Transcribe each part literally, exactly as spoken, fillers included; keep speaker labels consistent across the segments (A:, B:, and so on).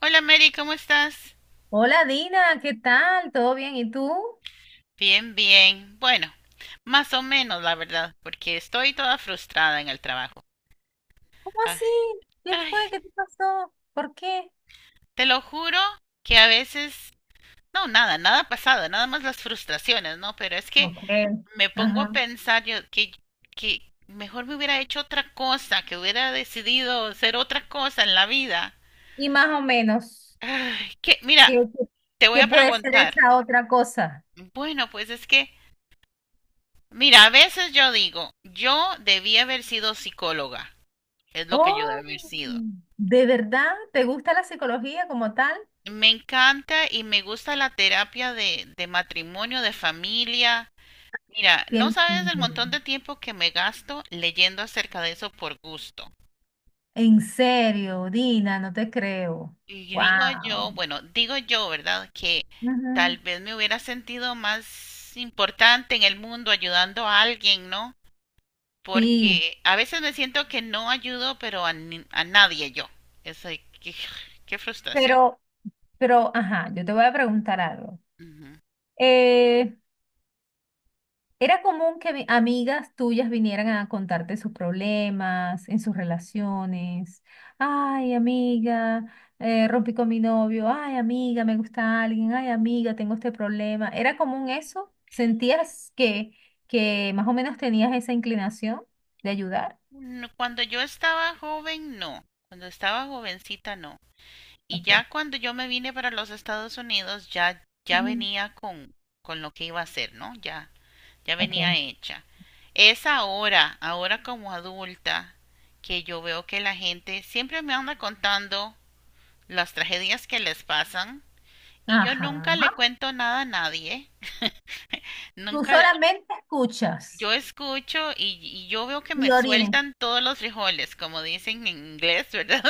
A: Hola Mary, ¿cómo estás?
B: Hola Dina, ¿qué tal? ¿Todo bien? ¿Y tú?
A: Bien, bien. Bueno, más o menos, la verdad, porque estoy toda frustrada en el trabajo.
B: ¿Cómo
A: Ay,
B: así? ¿Qué
A: ay,
B: fue? ¿Qué te pasó? ¿Por qué?
A: te lo juro que a veces, no, nada, nada ha pasado, nada más las frustraciones, ¿no? Pero es que
B: No creo.
A: me pongo a
B: Ajá.
A: pensar yo que, que mejor me hubiera hecho otra cosa, que hubiera decidido ser otra cosa en la vida.
B: Y más o menos,
A: Ay, que, mira,
B: ¿qué, qué-
A: te voy
B: qué
A: a
B: puede ser
A: preguntar.
B: esa otra cosa?
A: Bueno, pues es que, mira, a veces yo digo, yo debí haber sido psicóloga. Es lo que yo debe
B: Oh,
A: haber sido.
B: ¿de verdad? ¿Te gusta la psicología como tal?
A: Me encanta y me gusta la terapia de, de matrimonio, de familia. Mira,
B: Qué
A: no sabes el
B: lindo.
A: montón de tiempo que me gasto leyendo acerca de eso por gusto.
B: En serio, Dina, no te creo.
A: Y digo yo,
B: Wow.
A: bueno, digo yo, ¿verdad? Que tal vez me hubiera sentido más importante en el mundo ayudando a alguien, ¿no?
B: Sí,
A: Porque a veces me siento que no ayudo, pero a, ni- a nadie yo. Eso, qué, qué frustración.
B: pero, pero, ajá, yo te voy a preguntar algo.
A: Ujú.
B: Era común que vi- amigas tuyas vinieran a contarte sus problemas en sus relaciones. Ay, amiga, eh, rompí con mi novio. Ay, amiga, me gusta alguien. Ay, amiga, tengo este problema. ¿Era común eso? ¿Sentías que, que más o menos tenías esa inclinación de ayudar?
A: No, cuando yo estaba joven, no. Cuando estaba jovencita, no. Y
B: Okay.
A: ya cuando yo me vine para los Estados Unidos, ya, ya
B: Ujú.
A: venía con, con lo que iba a hacer, ¿no? Ya, ya venía
B: Okay.
A: hecha. Es ahora, ahora como adulta, que yo veo que la gente siempre me anda contando las tragedias que les pasan y yo nunca le
B: Ajá.
A: cuento nada a nadie.
B: Tú
A: Nunca,
B: solamente escuchas
A: yo escucho y, y yo veo que me
B: y orientas.
A: sueltan todos los frijoles, como dicen en inglés, ¿verdad?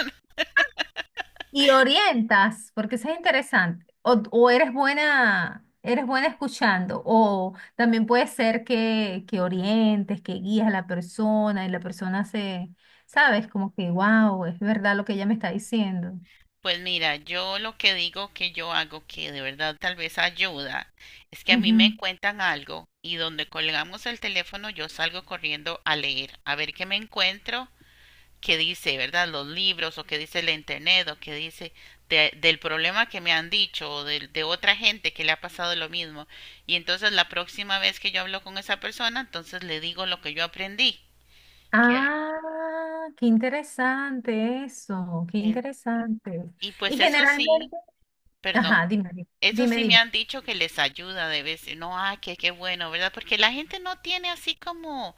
B: Y orientas, porque eso es interesante. O, o eres buena, eres buena escuchando, o también puede ser que, que orientes, que guías a la persona y la persona se, sabes, como que, wow, es verdad lo que ella me está diciendo.
A: Pues mira, yo lo que digo que yo hago que de verdad tal vez ayuda es que a mí me
B: Ujú.
A: cuentan algo y donde colgamos el teléfono yo salgo corriendo a leer, a ver qué me encuentro, qué dice, ¿verdad? Los libros o qué dice la internet o qué dice de- del problema que me han dicho o de, de otra gente que le ha pasado lo mismo. Y entonces la próxima vez que yo hablo con esa persona, entonces le digo lo que yo aprendí. Que,
B: Ah, qué interesante eso, qué
A: en-
B: interesante.
A: y
B: Y
A: pues eso sí,
B: generalmente,
A: perdón.
B: ajá, dime, dime,
A: Eso
B: dime.
A: sí me
B: dime.
A: han dicho que les ayuda de vez, no, ah, qué, qué bueno, ¿verdad? Porque la gente no tiene así como,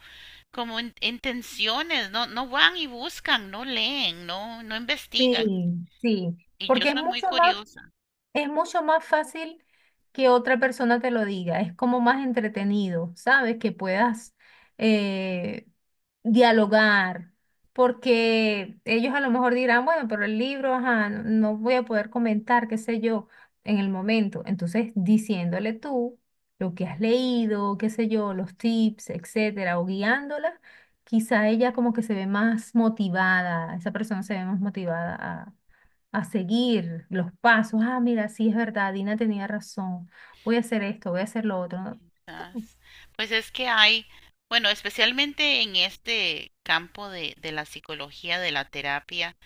A: como in- intenciones, no, no van y buscan, no leen, no, no investigan.
B: Sí, sí,
A: Y yo
B: porque es
A: soy muy
B: mucho más.
A: curiosa.
B: Es mucho más fácil que otra persona te lo diga, es como más entretenido, ¿sabes? Que puedas eh, dialogar, porque ellos a lo mejor dirán, bueno, pero el libro, ajá, no no voy a poder comentar, qué sé yo, en el momento. Entonces, diciéndole tú lo que has leído, qué sé yo, los tips, etcétera, o guiándola, quizá ella como que se ve más motivada, esa persona se ve más motivada a seguir los pasos. Ah, mira, sí es verdad, Dina tenía razón. Voy a hacer esto, voy a hacer lo otro. ¿No
A: Quizás.
B: crees?
A: Pues es que hay, bueno, especialmente en este campo de, de la psicología, de la terapia,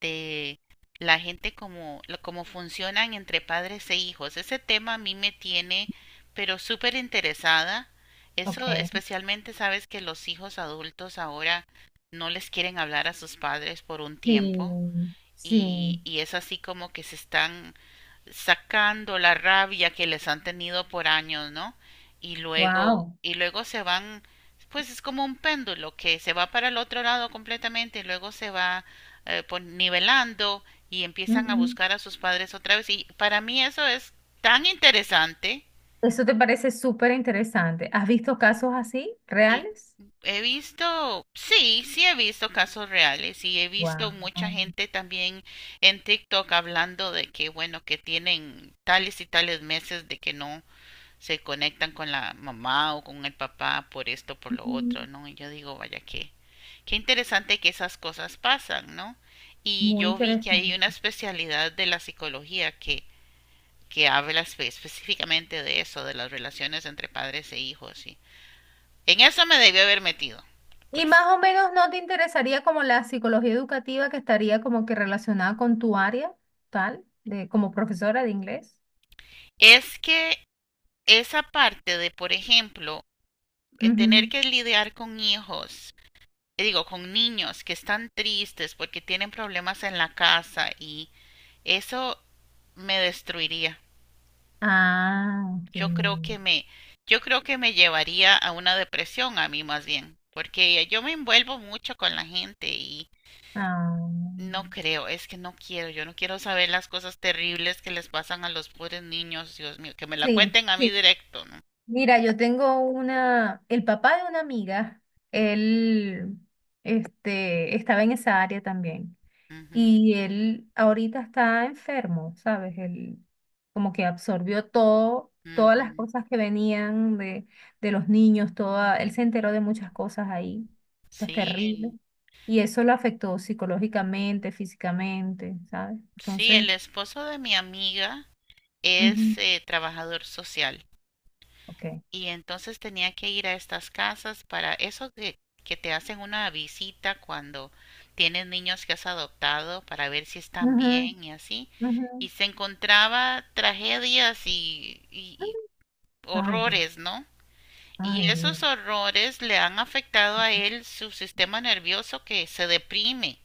A: de la gente como, lo- como funcionan entre padres e hijos. Ese tema a mí me tiene, pero súper interesada.
B: Ok,
A: Eso especialmente sabes que los hijos adultos ahora no les quieren hablar a sus padres por un tiempo
B: sí, sí,
A: y, y es así como que se están sacando la rabia que les han tenido por años, ¿no? Y luego,
B: wow.
A: y luego se van, pues es como un péndulo que se va para el otro lado completamente y luego se va eh, pon- nivelando y empiezan a
B: Ujú.
A: buscar a sus padres otra vez. Y para mí eso es tan interesante.
B: Eso te parece súper interesante. ¿Has visto casos así,
A: Eh,
B: reales?
A: He visto, sí, sí he visto casos reales y he visto
B: Wow.
A: mucha gente también en TikTok hablando de que, bueno, que tienen tales y tales meses de que no se conectan con la mamá o con el papá por esto, por lo otro, ¿no? Y yo digo, vaya, qué, qué interesante que esas cosas pasan, ¿no? Y
B: Muy
A: yo vi que hay
B: interesante.
A: una especialidad de la psicología que, que habla espe- específicamente de eso, de las relaciones entre padres e hijos. Y en eso me debió haber metido,
B: Y más
A: pues.
B: o menos no te interesaría como la psicología educativa que estaría como que relacionada con tu área, tal, de, como profesora de inglés.
A: Es que esa parte de, por ejemplo, eh, tener
B: Ujú.
A: que lidiar con hijos, eh, digo, con niños que están tristes porque tienen problemas en la casa y eso me destruiría.
B: Ah, ok.
A: Yo creo que me, yo creo que me llevaría a una depresión a mí más bien, porque yo me envuelvo mucho con la gente y
B: Ah,
A: no creo, es que no quiero, yo no quiero saber las cosas terribles que les pasan a los pobres niños, Dios mío, que me la
B: sí,
A: cuenten a mí
B: sí.
A: directo, ¿no?
B: Mira, yo tengo una, el papá de una amiga, él, este, estaba en esa área también.
A: Ujú,
B: Y él ahorita está enfermo, ¿sabes? Él como que absorbió todo, todas las
A: ujú.
B: cosas que venían de, de los niños, toda, él se enteró de muchas cosas ahí, cosas terribles.
A: Sí,
B: Y eso lo afectó psicológicamente, físicamente, ¿sabes?
A: sí,
B: Entonces,
A: el esposo de mi amiga
B: ujú,
A: es eh, trabajador social.
B: ok.
A: Y entonces tenía que ir a estas casas para eso que, que te hacen una visita cuando tienes niños que has adoptado para ver si están
B: Ujú,
A: bien y así.
B: ujú.
A: Y se encontraba tragedias y, y y
B: Ay, Dios.
A: horrores, ¿no? Y
B: Ay, Dios.
A: esos horrores le han afectado a él su sistema nervioso que se deprime.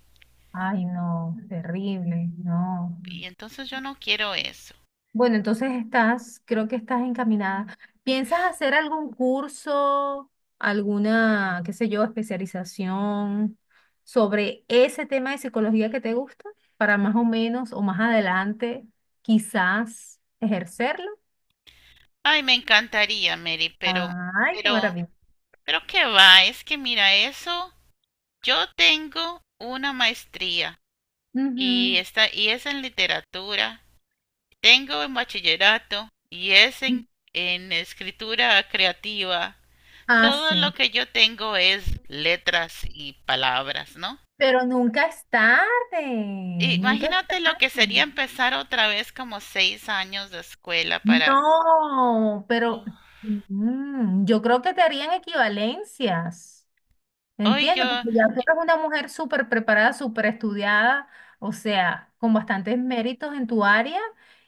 B: Ay, no, terrible, no.
A: Y entonces yo no quiero eso.
B: Bueno, entonces estás, creo que estás encaminada. ¿Piensas hacer algún curso, alguna, qué sé yo, especialización sobre ese tema de psicología que te gusta para más o menos o más adelante quizás ejercerlo?
A: Ay, me encantaría, Mary, pero,
B: Ay, qué
A: pero,
B: maravilla.
A: pero qué va, es que mira, eso yo tengo una maestría y, está, y es en literatura, tengo en bachillerato y es
B: Ujú.
A: en, en escritura creativa.
B: Ah,
A: Todo lo
B: sí.
A: que yo tengo es letras y palabras, ¿no?
B: Pero nunca es tarde, nunca es
A: Imagínate lo que sería
B: tarde.
A: empezar otra vez como seis años de escuela para...
B: No, pero
A: Oh,
B: mm, yo creo que te harían equivalencias,
A: hoy
B: ¿entiendes?
A: yo
B: Porque ya tú eres una mujer súper preparada, súper estudiada, o sea, con bastantes méritos en tu área,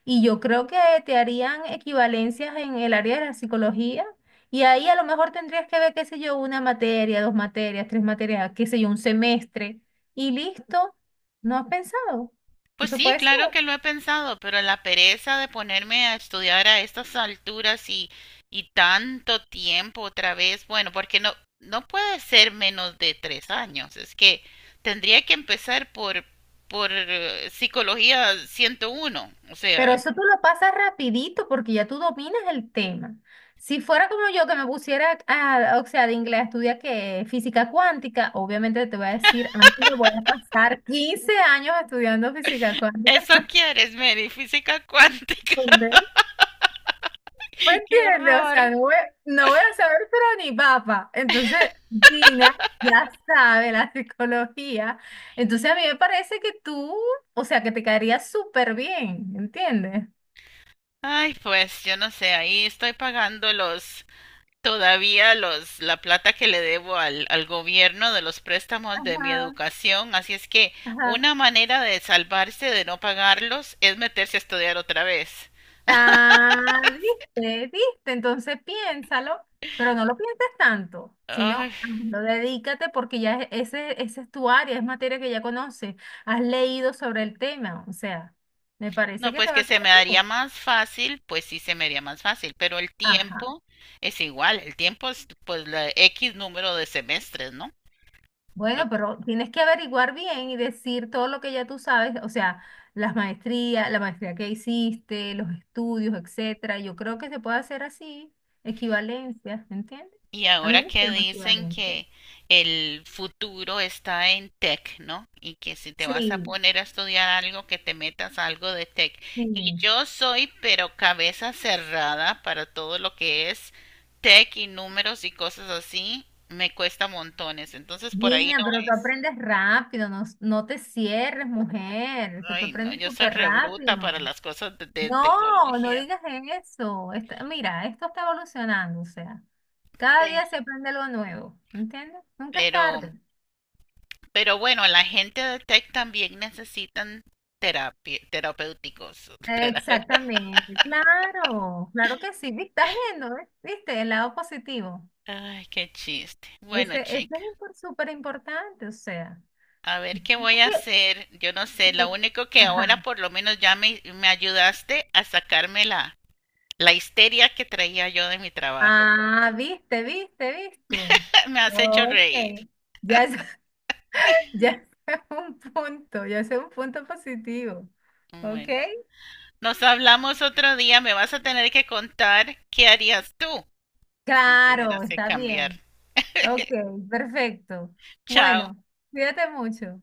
B: y yo creo que te harían equivalencias en el área de la psicología, y ahí a lo mejor tendrías que ver, qué sé yo, una materia, dos materias, tres materias, qué sé yo, un semestre, y listo, ¿no has pensado?
A: pues
B: Eso
A: sí,
B: puede ser.
A: claro que lo he pensado, pero la pereza de ponerme a estudiar a estas alturas y, y tanto tiempo otra vez, bueno, porque no, no puede ser menos de tres años, es que tendría que empezar por, por eh, psicología ciento uno, o
B: Pero
A: sea,
B: eso tú lo pasas rapidito porque ya tú dominas el tema. Si fuera como yo que me pusiera, a- o sea, de inglés a estudiar que física cuántica, obviamente te voy a decir, amiga, voy a pasar quince años estudiando física cuántica.
A: eso quieres, Mary, física cuántica,
B: ¿Entendés? ¿Me
A: qué
B: entiendes? O sea,
A: horror.
B: no voy, no voy a saber, pero ni papa. Entonces, Dina ya sabe la psicología. Entonces, a mí me parece que tú, o sea, que te caería súper bien, ¿entiendes?
A: Ay, pues yo no sé, ahí estoy pagando los todavía los, la plata que le debo al, al gobierno de los préstamos de mi
B: Ajá,
A: educación, así es que
B: ajá.
A: una manera de salvarse de no pagarlos es meterse a estudiar otra vez.
B: Ah, viste, viste, entonces piénsalo, pero no lo pienses tanto,
A: Ay,
B: sino lo dedícate porque ya e- ese, esa es tu área, es materia que ya conoces, has leído sobre el tema, o sea, me parece
A: no,
B: que
A: pues
B: te va
A: que
B: a
A: se me
B: quedar
A: daría
B: bien.
A: más fácil, pues sí se me haría más fácil, pero el
B: Ajá.
A: tiempo es igual, el tiempo es pues la equis número de semestres, ¿no?
B: Bueno,
A: Lo
B: pero tienes que averiguar bien y decir todo lo que ya tú sabes, o sea, las maestrías, la maestría que hiciste, los estudios, etcétera. Yo creo que se puede hacer así, equivalencias, ¿entiendes?
A: y
B: A mí
A: ahora
B: me
A: que
B: hicieron
A: dicen
B: equivalencias.
A: que el futuro está en tech, ¿no? Y que si te vas a
B: Sí.
A: poner a estudiar algo, que te metas a algo de tech. Y
B: Sí.
A: yo soy, pero cabeza cerrada para todo lo que es tech y números y cosas así, me cuesta montones. Entonces por ahí
B: Mira,
A: no
B: pero tú
A: es.
B: aprendes rápido, no, no te cierres, mujer, que tú
A: Ay, no,
B: aprendes
A: yo soy
B: súper
A: rebruta
B: rápido.
A: para las cosas de, de
B: No, no
A: tecnología.
B: digas eso. Esta- mira, esto está evolucionando, o sea, cada día
A: Sí.
B: se aprende algo nuevo, ¿entiendes? Nunca es
A: Pero
B: tarde.
A: Pero bueno, la gente de tech también necesitan terapia, terapéuticos. tera-
B: Exactamente, claro, claro que sí, vi- estás viendo, ¿ves? ¿Viste? El lado positivo.
A: Ay, qué chiste. Bueno,
B: Ese, ese
A: chica,
B: es súper importante, o sea.
A: a ver qué
B: es
A: voy a
B: que-
A: hacer. Yo no sé, lo
B: que-
A: único que ahora
B: Ajá.
A: por lo menos ya me, me ayudaste a sacarme la, la histeria que traía yo de mi trabajo. por lo
B: Ah,
A: menos.
B: viste, viste, viste.
A: Me has hecho
B: Ok.
A: reír.
B: Ya es, ya es un punto, ya es un punto positivo. Ok.
A: Bueno, nos hablamos otro día. Me vas a tener que contar qué harías tú si
B: Claro,
A: tuvieras que
B: está
A: cambiar.
B: bien. Ok, perfecto.
A: Chao.
B: Bueno, cuídate mucho.